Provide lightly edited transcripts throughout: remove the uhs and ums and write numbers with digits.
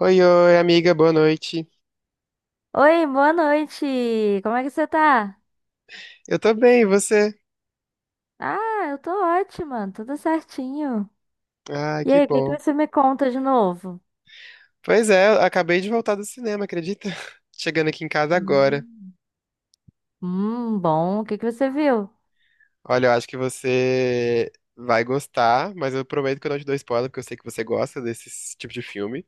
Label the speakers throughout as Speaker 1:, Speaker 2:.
Speaker 1: Oi, oi, amiga, boa noite.
Speaker 2: Oi, boa noite. Como é que você tá?
Speaker 1: Eu tô bem, e você?
Speaker 2: Ah, eu tô ótima, tudo certinho.
Speaker 1: Ah,
Speaker 2: E
Speaker 1: que
Speaker 2: aí, o que que
Speaker 1: bom.
Speaker 2: você me conta de novo?
Speaker 1: Pois é, eu acabei de voltar do cinema, acredita? Chegando aqui em casa agora.
Speaker 2: Hum, bom. O que que você viu?
Speaker 1: Olha, eu acho que você vai gostar, mas eu prometo que eu não te dou spoiler, porque eu sei que você gosta desse tipo de filme.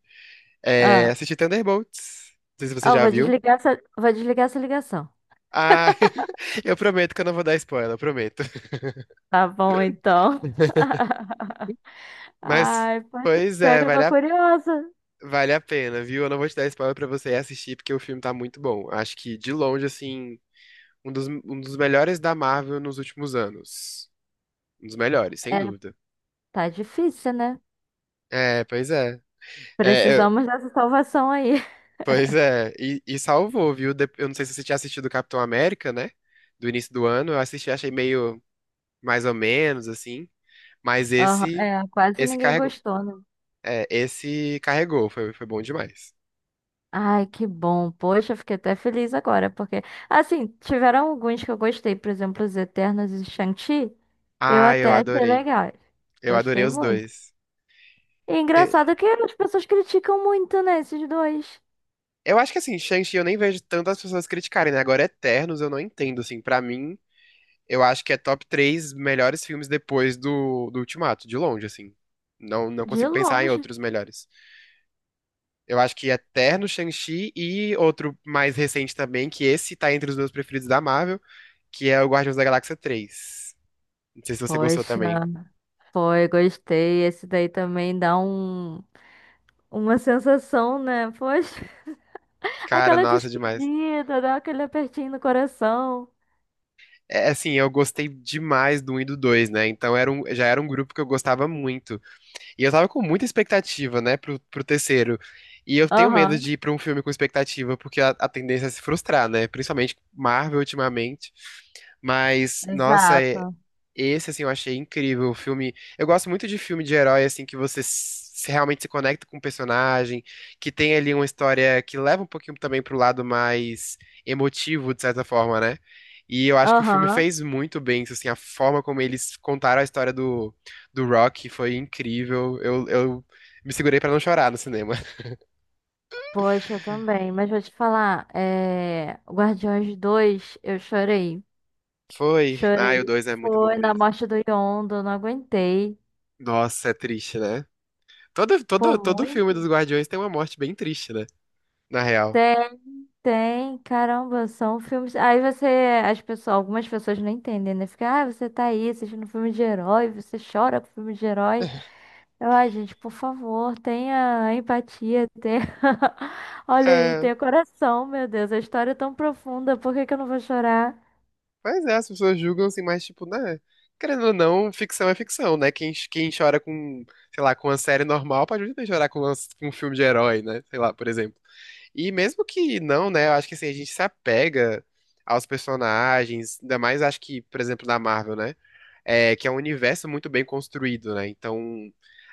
Speaker 1: É,
Speaker 2: Ah,
Speaker 1: assisti Thunderbolts. Não sei se você
Speaker 2: eu
Speaker 1: já viu.
Speaker 2: vou desligar essa ligação.
Speaker 1: Ah, eu prometo que eu não vou dar spoiler, eu prometo.
Speaker 2: Tá bom, então.
Speaker 1: Mas,
Speaker 2: Ai, poxa,
Speaker 1: pois
Speaker 2: pior
Speaker 1: é,
Speaker 2: que eu
Speaker 1: vale
Speaker 2: tô
Speaker 1: a,
Speaker 2: curiosa.
Speaker 1: vale a pena, viu? Eu não vou te dar spoiler pra você ir assistir, porque o filme tá muito bom. Acho que, de longe, assim. Um dos melhores da Marvel nos últimos anos. Um dos melhores, sem
Speaker 2: É,
Speaker 1: dúvida.
Speaker 2: tá difícil, né?
Speaker 1: É, pois é. É,
Speaker 2: Precisamos dessa salvação aí.
Speaker 1: pois é. E, salvou, viu? Eu não sei se você tinha assistido Capitão América, né? Do início do ano. Eu assisti, achei meio mais ou menos, assim. Mas
Speaker 2: Aham,
Speaker 1: esse,
Speaker 2: é, quase
Speaker 1: esse
Speaker 2: ninguém
Speaker 1: carregou.
Speaker 2: gostou, né?
Speaker 1: É, esse carregou. Foi bom demais.
Speaker 2: Ai, que bom. Poxa, eu fiquei até feliz agora, porque, assim, tiveram alguns que eu gostei, por exemplo, os Eternos e Shang-Chi, eu
Speaker 1: Ah, eu
Speaker 2: até achei
Speaker 1: adorei.
Speaker 2: legal.
Speaker 1: Eu adorei
Speaker 2: Gostei
Speaker 1: os
Speaker 2: muito.
Speaker 1: dois.
Speaker 2: E
Speaker 1: É,
Speaker 2: engraçado que as pessoas criticam muito, né, esses dois,
Speaker 1: eu acho que assim, Shang-Chi eu nem vejo tantas pessoas criticarem, né? Agora Eternos eu não entendo, assim, pra mim. Eu acho que é top três melhores filmes depois do Ultimato, de longe, assim. Não, não
Speaker 2: de
Speaker 1: consigo pensar em
Speaker 2: longe.
Speaker 1: outros melhores. Eu acho que Eterno, Shang-Chi e outro mais recente também, que esse tá entre os meus preferidos da Marvel, que é o Guardiões da Galáxia 3. Não sei se você gostou
Speaker 2: Poxa,
Speaker 1: também.
Speaker 2: foi, gostei. Esse daí também dá uma sensação, né? Poxa,
Speaker 1: Cara,
Speaker 2: aquela
Speaker 1: nossa, demais.
Speaker 2: despedida, dá aquele apertinho no coração.
Speaker 1: É assim, eu gostei demais do 1 e do 2, né? Então já era um grupo que eu gostava muito. E eu tava com muita expectativa, né, pro terceiro. E eu tenho medo
Speaker 2: Aham,
Speaker 1: de ir pra um filme com expectativa, porque a tendência é se frustrar, né? Principalmente Marvel ultimamente. Mas, nossa,
Speaker 2: exato.
Speaker 1: esse, assim, eu achei incrível. O filme. Eu gosto muito de filme de herói, assim, que você realmente se conecta com o personagem, que tem ali uma história que leva um pouquinho também pro lado mais emotivo, de certa forma, né? E eu acho que o filme
Speaker 2: Aham.
Speaker 1: fez muito bem, isso, assim, a forma como eles contaram a história do Rock foi incrível. Eu me segurei pra não chorar no cinema.
Speaker 2: Poxa, também. Mas vou te falar, Guardiões 2, eu chorei.
Speaker 1: Foi. Ah, e o
Speaker 2: Chorei.
Speaker 1: 2 é muito bom
Speaker 2: Foi na
Speaker 1: mesmo.
Speaker 2: morte do Yondo, não aguentei.
Speaker 1: Nossa, é triste, né? Todo,
Speaker 2: Pô,
Speaker 1: todo, todo filme
Speaker 2: muito?
Speaker 1: dos Guardiões tem uma morte bem triste, né? Na real.
Speaker 2: Tem, tem. Caramba, são filmes. Aí você. Algumas pessoas não entendem, né? Fica, ah, você tá aí assistindo filme de herói, você chora com filme de herói. Ai, gente, por favor, tenha empatia, tenha. Olha aí,
Speaker 1: É.
Speaker 2: tenha coração, meu Deus. A história é tão profunda, por que que eu não vou chorar?
Speaker 1: Mas é, as pessoas julgam assim, mas tipo, né? Querendo ou não, ficção é ficção, né? Quem chora com, sei lá, com uma série normal pode muito bem chorar com um filme de herói, né? Sei lá, por exemplo. E mesmo que não, né? Eu acho que assim, a gente se apega aos personagens, ainda mais acho que, por exemplo, na Marvel, né? É, que é um universo muito bem construído, né? Então,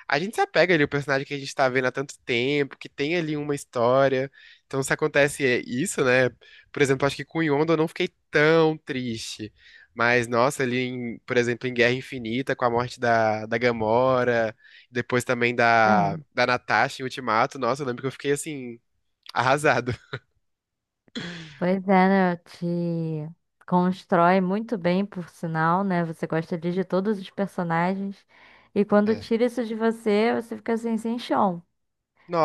Speaker 1: a gente se apega ali ao personagem que a gente tá vendo há tanto tempo, que tem ali uma história. Então, se acontece é, isso, né? Por exemplo, acho que com Yondu eu não fiquei tão triste. Mas, nossa, ali, por exemplo, em Guerra Infinita, com a morte da Gamora, depois também da,
Speaker 2: É.
Speaker 1: da Natasha em Ultimato, nossa, eu lembro que eu fiquei, assim, arrasado.
Speaker 2: Pois é, né? Te constrói muito bem, por sinal, né? Você gosta ali de todos os personagens. E quando
Speaker 1: É.
Speaker 2: tira isso de você, você fica assim, sem chão.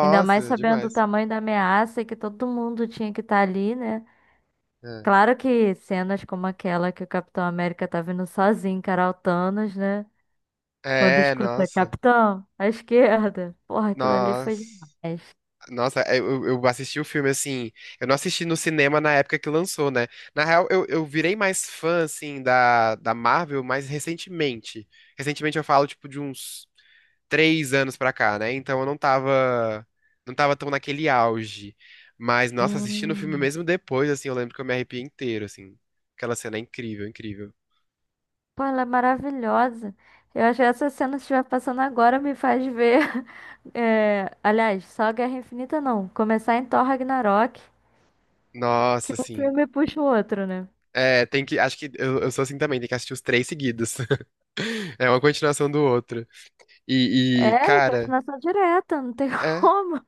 Speaker 2: Ainda mais sabendo o
Speaker 1: demais.
Speaker 2: tamanho da ameaça e que todo mundo tinha que estar ali, né? Claro que cenas como aquela que o Capitão América tá vindo sozinho encarar o Thanos, né? Quando
Speaker 1: É,
Speaker 2: escuta
Speaker 1: nossa.
Speaker 2: Capitão, à esquerda. Porra, aquilo ali foi
Speaker 1: Nossa.
Speaker 2: demais.
Speaker 1: Nossa, é, eu assisti o filme assim. Eu não assisti no cinema na época que lançou, né? Na real, eu virei mais fã, assim, da Marvel mais recentemente. Recentemente eu falo, tipo, de uns três anos pra cá, né? Então eu não tava tão naquele auge. Mas, nossa, assistindo o filme
Speaker 2: Hum.
Speaker 1: mesmo depois, assim, eu lembro que eu me arrepiei inteiro, assim. Aquela cena é incrível, incrível.
Speaker 2: Pô, ela é maravilhosa. Eu acho que essa cena que estiver passando agora me faz ver. Aliás, só Guerra Infinita não. Começar em Thor Ragnarok,
Speaker 1: Nossa,
Speaker 2: que um
Speaker 1: assim.
Speaker 2: filme puxa o outro, né?
Speaker 1: É, tem que. Acho que eu sou assim também, tem que assistir os três seguidos. É uma continuação do outro. E,
Speaker 2: É, e
Speaker 1: cara.
Speaker 2: continuação direta, não tem
Speaker 1: É.
Speaker 2: como.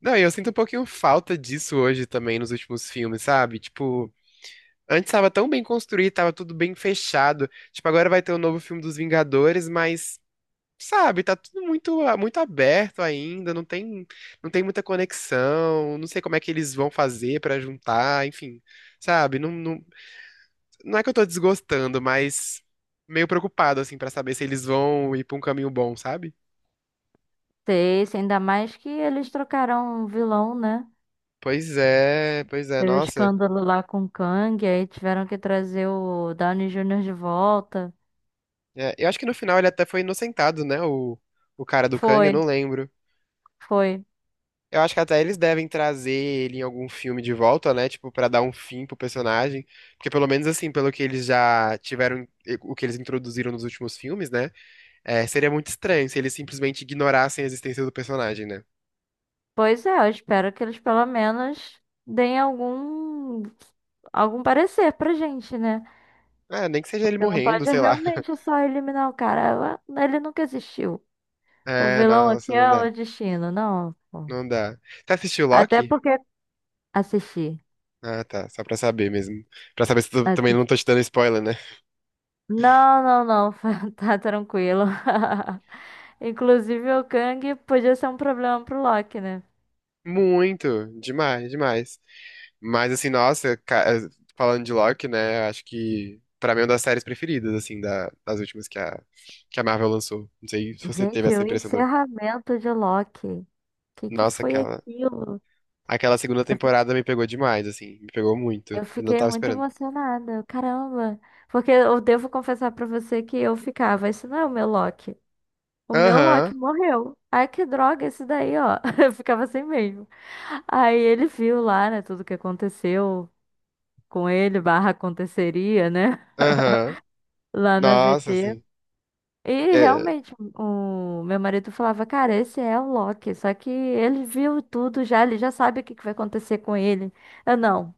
Speaker 1: Não, e eu sinto um pouquinho falta disso hoje também nos últimos filmes, sabe? Tipo, antes tava tão bem construído, tava tudo bem fechado. Tipo, agora vai ter o novo filme dos Vingadores, mas, sabe, tá tudo muito, muito aberto ainda, não tem muita conexão, não sei como é que eles vão fazer pra juntar, enfim, sabe? Não, não, não é que eu tô desgostando, mas meio preocupado, assim, pra saber se eles vão ir pra um caminho bom, sabe?
Speaker 2: Sei, sei, ainda mais que eles trocaram um vilão, né?
Speaker 1: Pois é,
Speaker 2: Teve o
Speaker 1: nossa.
Speaker 2: escândalo lá com o Kang, aí tiveram que trazer o Downey Júnior de volta.
Speaker 1: É, eu acho que no final ele até foi inocentado, né? O cara do Kang, eu
Speaker 2: Foi,
Speaker 1: não lembro.
Speaker 2: foi.
Speaker 1: Eu acho que até eles devem trazer ele em algum filme de volta, né? Tipo, pra dar um fim pro personagem. Porque pelo menos assim, pelo que eles já tiveram, o que eles introduziram nos últimos filmes, né? É, seria muito estranho se eles simplesmente ignorassem a existência do personagem, né?
Speaker 2: Pois é, eu espero que eles pelo menos deem algum parecer pra gente, né?
Speaker 1: Ah, nem que seja ele
Speaker 2: Você não
Speaker 1: morrendo,
Speaker 2: pode
Speaker 1: sei lá.
Speaker 2: realmente só eliminar o cara. Ah, ele nunca existiu. O
Speaker 1: É,
Speaker 2: vilão
Speaker 1: nossa,
Speaker 2: aqui
Speaker 1: não
Speaker 2: é
Speaker 1: dá.
Speaker 2: o destino, não. Pô.
Speaker 1: Não dá. Você assistiu
Speaker 2: Até
Speaker 1: Loki?
Speaker 2: porque assisti.
Speaker 1: Ah, tá. Só pra saber mesmo. Pra saber se tu também não
Speaker 2: Assisti.
Speaker 1: tô te dando spoiler, né?
Speaker 2: Não, não, não, tá tranquilo. Inclusive o Kang podia ser um problema pro Loki, né?
Speaker 1: Muito, demais, demais. Mas assim, nossa, falando de Loki, né, acho que pra mim é uma das séries preferidas, assim, das últimas que a Marvel lançou. Não sei se você
Speaker 2: Gente,
Speaker 1: teve essa
Speaker 2: o
Speaker 1: impressão também.
Speaker 2: encerramento de Loki. O que que
Speaker 1: Nossa,
Speaker 2: foi
Speaker 1: aquela,
Speaker 2: aquilo?
Speaker 1: aquela segunda temporada me pegou demais, assim, me pegou muito.
Speaker 2: Eu
Speaker 1: Eu não
Speaker 2: fiquei
Speaker 1: tava
Speaker 2: muito
Speaker 1: esperando.
Speaker 2: emocionada, caramba. Porque eu devo confessar pra você que eu ficava, isso não é o meu Loki. O meu Loki
Speaker 1: Aham,
Speaker 2: morreu. Ai, que droga, esse daí, ó. Eu ficava assim mesmo. Aí ele viu lá, né, tudo que aconteceu com ele, barra aconteceria, né,
Speaker 1: aham.
Speaker 2: lá na
Speaker 1: Nossa,
Speaker 2: VT.
Speaker 1: assim.
Speaker 2: E
Speaker 1: é,
Speaker 2: realmente, o meu marido falava, cara, esse é o Loki. Só que ele viu tudo já, ele já sabe o que que vai acontecer com ele. Eu não.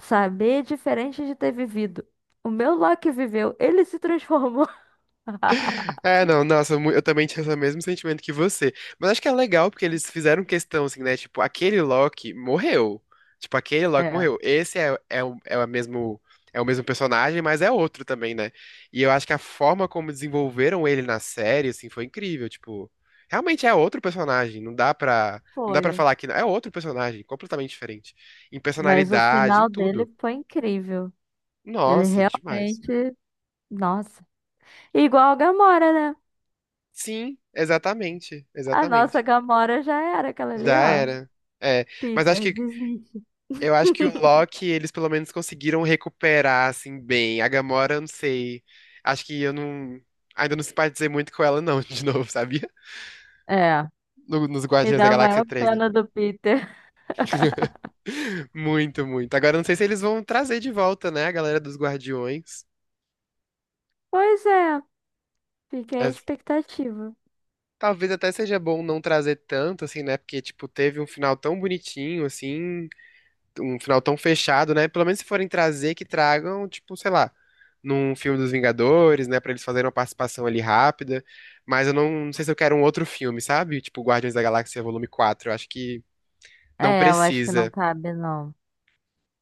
Speaker 2: Saber é diferente de ter vivido. O meu Loki viveu, ele se transformou.
Speaker 1: não, nossa, eu também tinha o mesmo sentimento que você. Mas acho que é legal porque eles fizeram questão, assim, né? Tipo, aquele Loki morreu. Tipo, aquele Loki
Speaker 2: É.
Speaker 1: morreu. Esse é o mesmo personagem, mas é outro também, né? E eu acho que a forma como desenvolveram ele na série, assim, foi incrível. Tipo, realmente é outro personagem. Não dá pra, não dá
Speaker 2: Foi.
Speaker 1: pra falar que não. É outro personagem, completamente diferente. Em
Speaker 2: Mas o
Speaker 1: personalidade, em
Speaker 2: final dele
Speaker 1: tudo.
Speaker 2: foi incrível. Ele
Speaker 1: Nossa, demais.
Speaker 2: realmente. Nossa. Igual a Gamora, né?
Speaker 1: Sim, exatamente,
Speaker 2: A nossa
Speaker 1: exatamente.
Speaker 2: Gamora já era aquela ali,
Speaker 1: Já
Speaker 2: ó.
Speaker 1: era. É, mas acho
Speaker 2: Peter,
Speaker 1: que
Speaker 2: desiste.
Speaker 1: eu acho que o Loki eles pelo menos conseguiram recuperar assim bem. A Gamora, eu não sei. Acho que eu não ainda não simpatizei muito com ela não, de novo, sabia?
Speaker 2: É.
Speaker 1: Nos
Speaker 2: E
Speaker 1: Guardiões da
Speaker 2: dá a
Speaker 1: Galáxia
Speaker 2: maior
Speaker 1: três, né?
Speaker 2: pena do Peter.
Speaker 1: Muito, muito. Agora eu não sei se eles vão trazer de volta, né, a galera dos Guardiões.
Speaker 2: Pois é, fiquei a
Speaker 1: É,
Speaker 2: expectativa.
Speaker 1: talvez até seja bom não trazer tanto assim, né? Porque tipo, teve um final tão bonitinho assim, um final tão fechado, né? Pelo menos se forem trazer, que tragam, tipo, sei lá, num filme dos Vingadores, né? Pra eles fazerem uma participação ali rápida. Mas eu não sei se eu quero um outro filme, sabe? Tipo, Guardiões da Galáxia Volume Quatro. Eu acho que não
Speaker 2: É, eu acho que não
Speaker 1: precisa.
Speaker 2: cabe, não.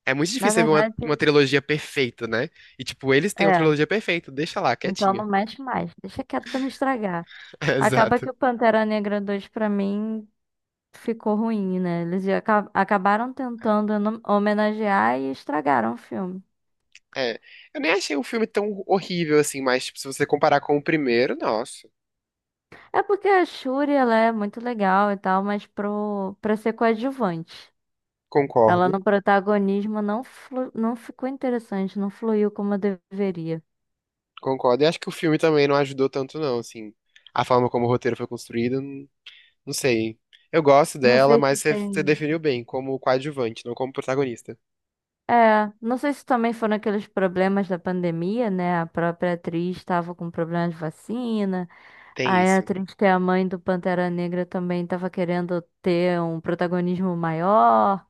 Speaker 1: É muito
Speaker 2: Na
Speaker 1: difícil você ver uma,
Speaker 2: verdade,
Speaker 1: uma trilogia perfeita, né? E, tipo, eles têm uma
Speaker 2: é.
Speaker 1: trilogia perfeita, deixa lá,
Speaker 2: Então não
Speaker 1: quietinha.
Speaker 2: mexe mais. Deixa quieto pra não estragar. Acaba
Speaker 1: Exato.
Speaker 2: que o Pantera Negra 2 pra mim ficou ruim, né? Acabaram
Speaker 1: É.
Speaker 2: tentando no- homenagear e estragaram o filme.
Speaker 1: É. Eu nem achei o filme tão horrível assim, mas, tipo, se você comparar com o primeiro, nossa,
Speaker 2: É porque a Shuri, ela é muito legal e tal, mas pro para ser coadjuvante. Ela
Speaker 1: concordo.
Speaker 2: no protagonismo não ficou interessante, não fluiu como deveria.
Speaker 1: Concordo. E acho que o filme também não ajudou tanto, não, assim. A forma como o roteiro foi construído, não sei. Eu gosto
Speaker 2: Não
Speaker 1: dela,
Speaker 2: sei se
Speaker 1: mas você
Speaker 2: tem.
Speaker 1: definiu bem, como coadjuvante, não como protagonista.
Speaker 2: É, não sei se também foram aqueles problemas da pandemia, né? A própria atriz estava com problema de vacina.
Speaker 1: Tem
Speaker 2: Aí a
Speaker 1: isso.
Speaker 2: Trinity, a mãe do Pantera Negra, também tava querendo ter um protagonismo maior.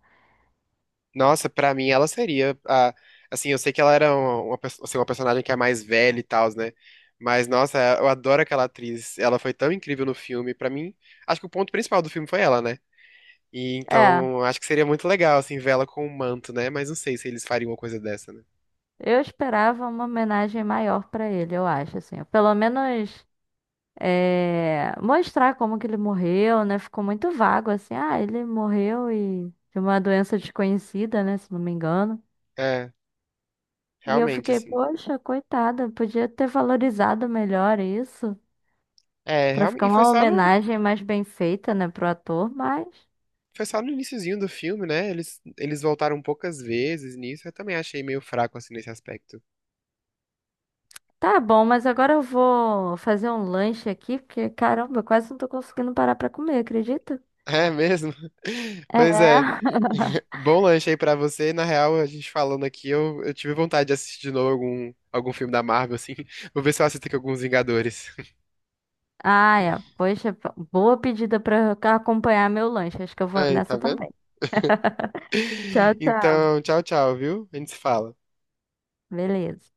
Speaker 1: Nossa, pra mim ela seria assim, eu sei que ela era assim, uma personagem que é mais velha e tal, né? Mas, nossa, eu adoro aquela atriz. Ela foi tão incrível no filme. Pra mim, acho que o ponto principal do filme foi ela, né? E
Speaker 2: É,
Speaker 1: então, acho que seria muito legal, assim, vê-la com um manto, né? Mas não sei se eles fariam uma coisa dessa, né?
Speaker 2: eu esperava uma homenagem maior pra ele, eu acho, assim. Pelo menos é, mostrar como que ele morreu, né? Ficou muito vago, assim. Ah, ele morreu e de uma doença desconhecida, né? Se não me engano.
Speaker 1: É,
Speaker 2: E eu
Speaker 1: realmente,
Speaker 2: fiquei,
Speaker 1: assim.
Speaker 2: poxa, coitada, podia ter valorizado melhor isso.
Speaker 1: É,
Speaker 2: Pra
Speaker 1: realmente,
Speaker 2: ficar
Speaker 1: e foi
Speaker 2: uma
Speaker 1: só no,
Speaker 2: homenagem mais bem feita, né, pro ator, mas.
Speaker 1: foi só no iniciozinho do filme, né? Eles voltaram poucas vezes nisso. Eu também achei meio fraco, assim, nesse aspecto.
Speaker 2: Tá bom, mas agora eu vou fazer um lanche aqui, porque caramba, eu quase não tô conseguindo parar pra comer, acredita?
Speaker 1: É mesmo? Pois é.
Speaker 2: É.
Speaker 1: Bom lanche aí pra você. Na real, a gente falando aqui, eu tive vontade de assistir de novo algum filme da Marvel, assim. Vou ver se eu assisto aqui alguns Vingadores.
Speaker 2: Ah, é. Poxa, boa pedida pra acompanhar meu lanche. Acho que eu vou
Speaker 1: Aí, tá
Speaker 2: nessa
Speaker 1: vendo?
Speaker 2: também. Tchau, tchau.
Speaker 1: Então, tchau, tchau, viu? A gente se fala.
Speaker 2: Beleza.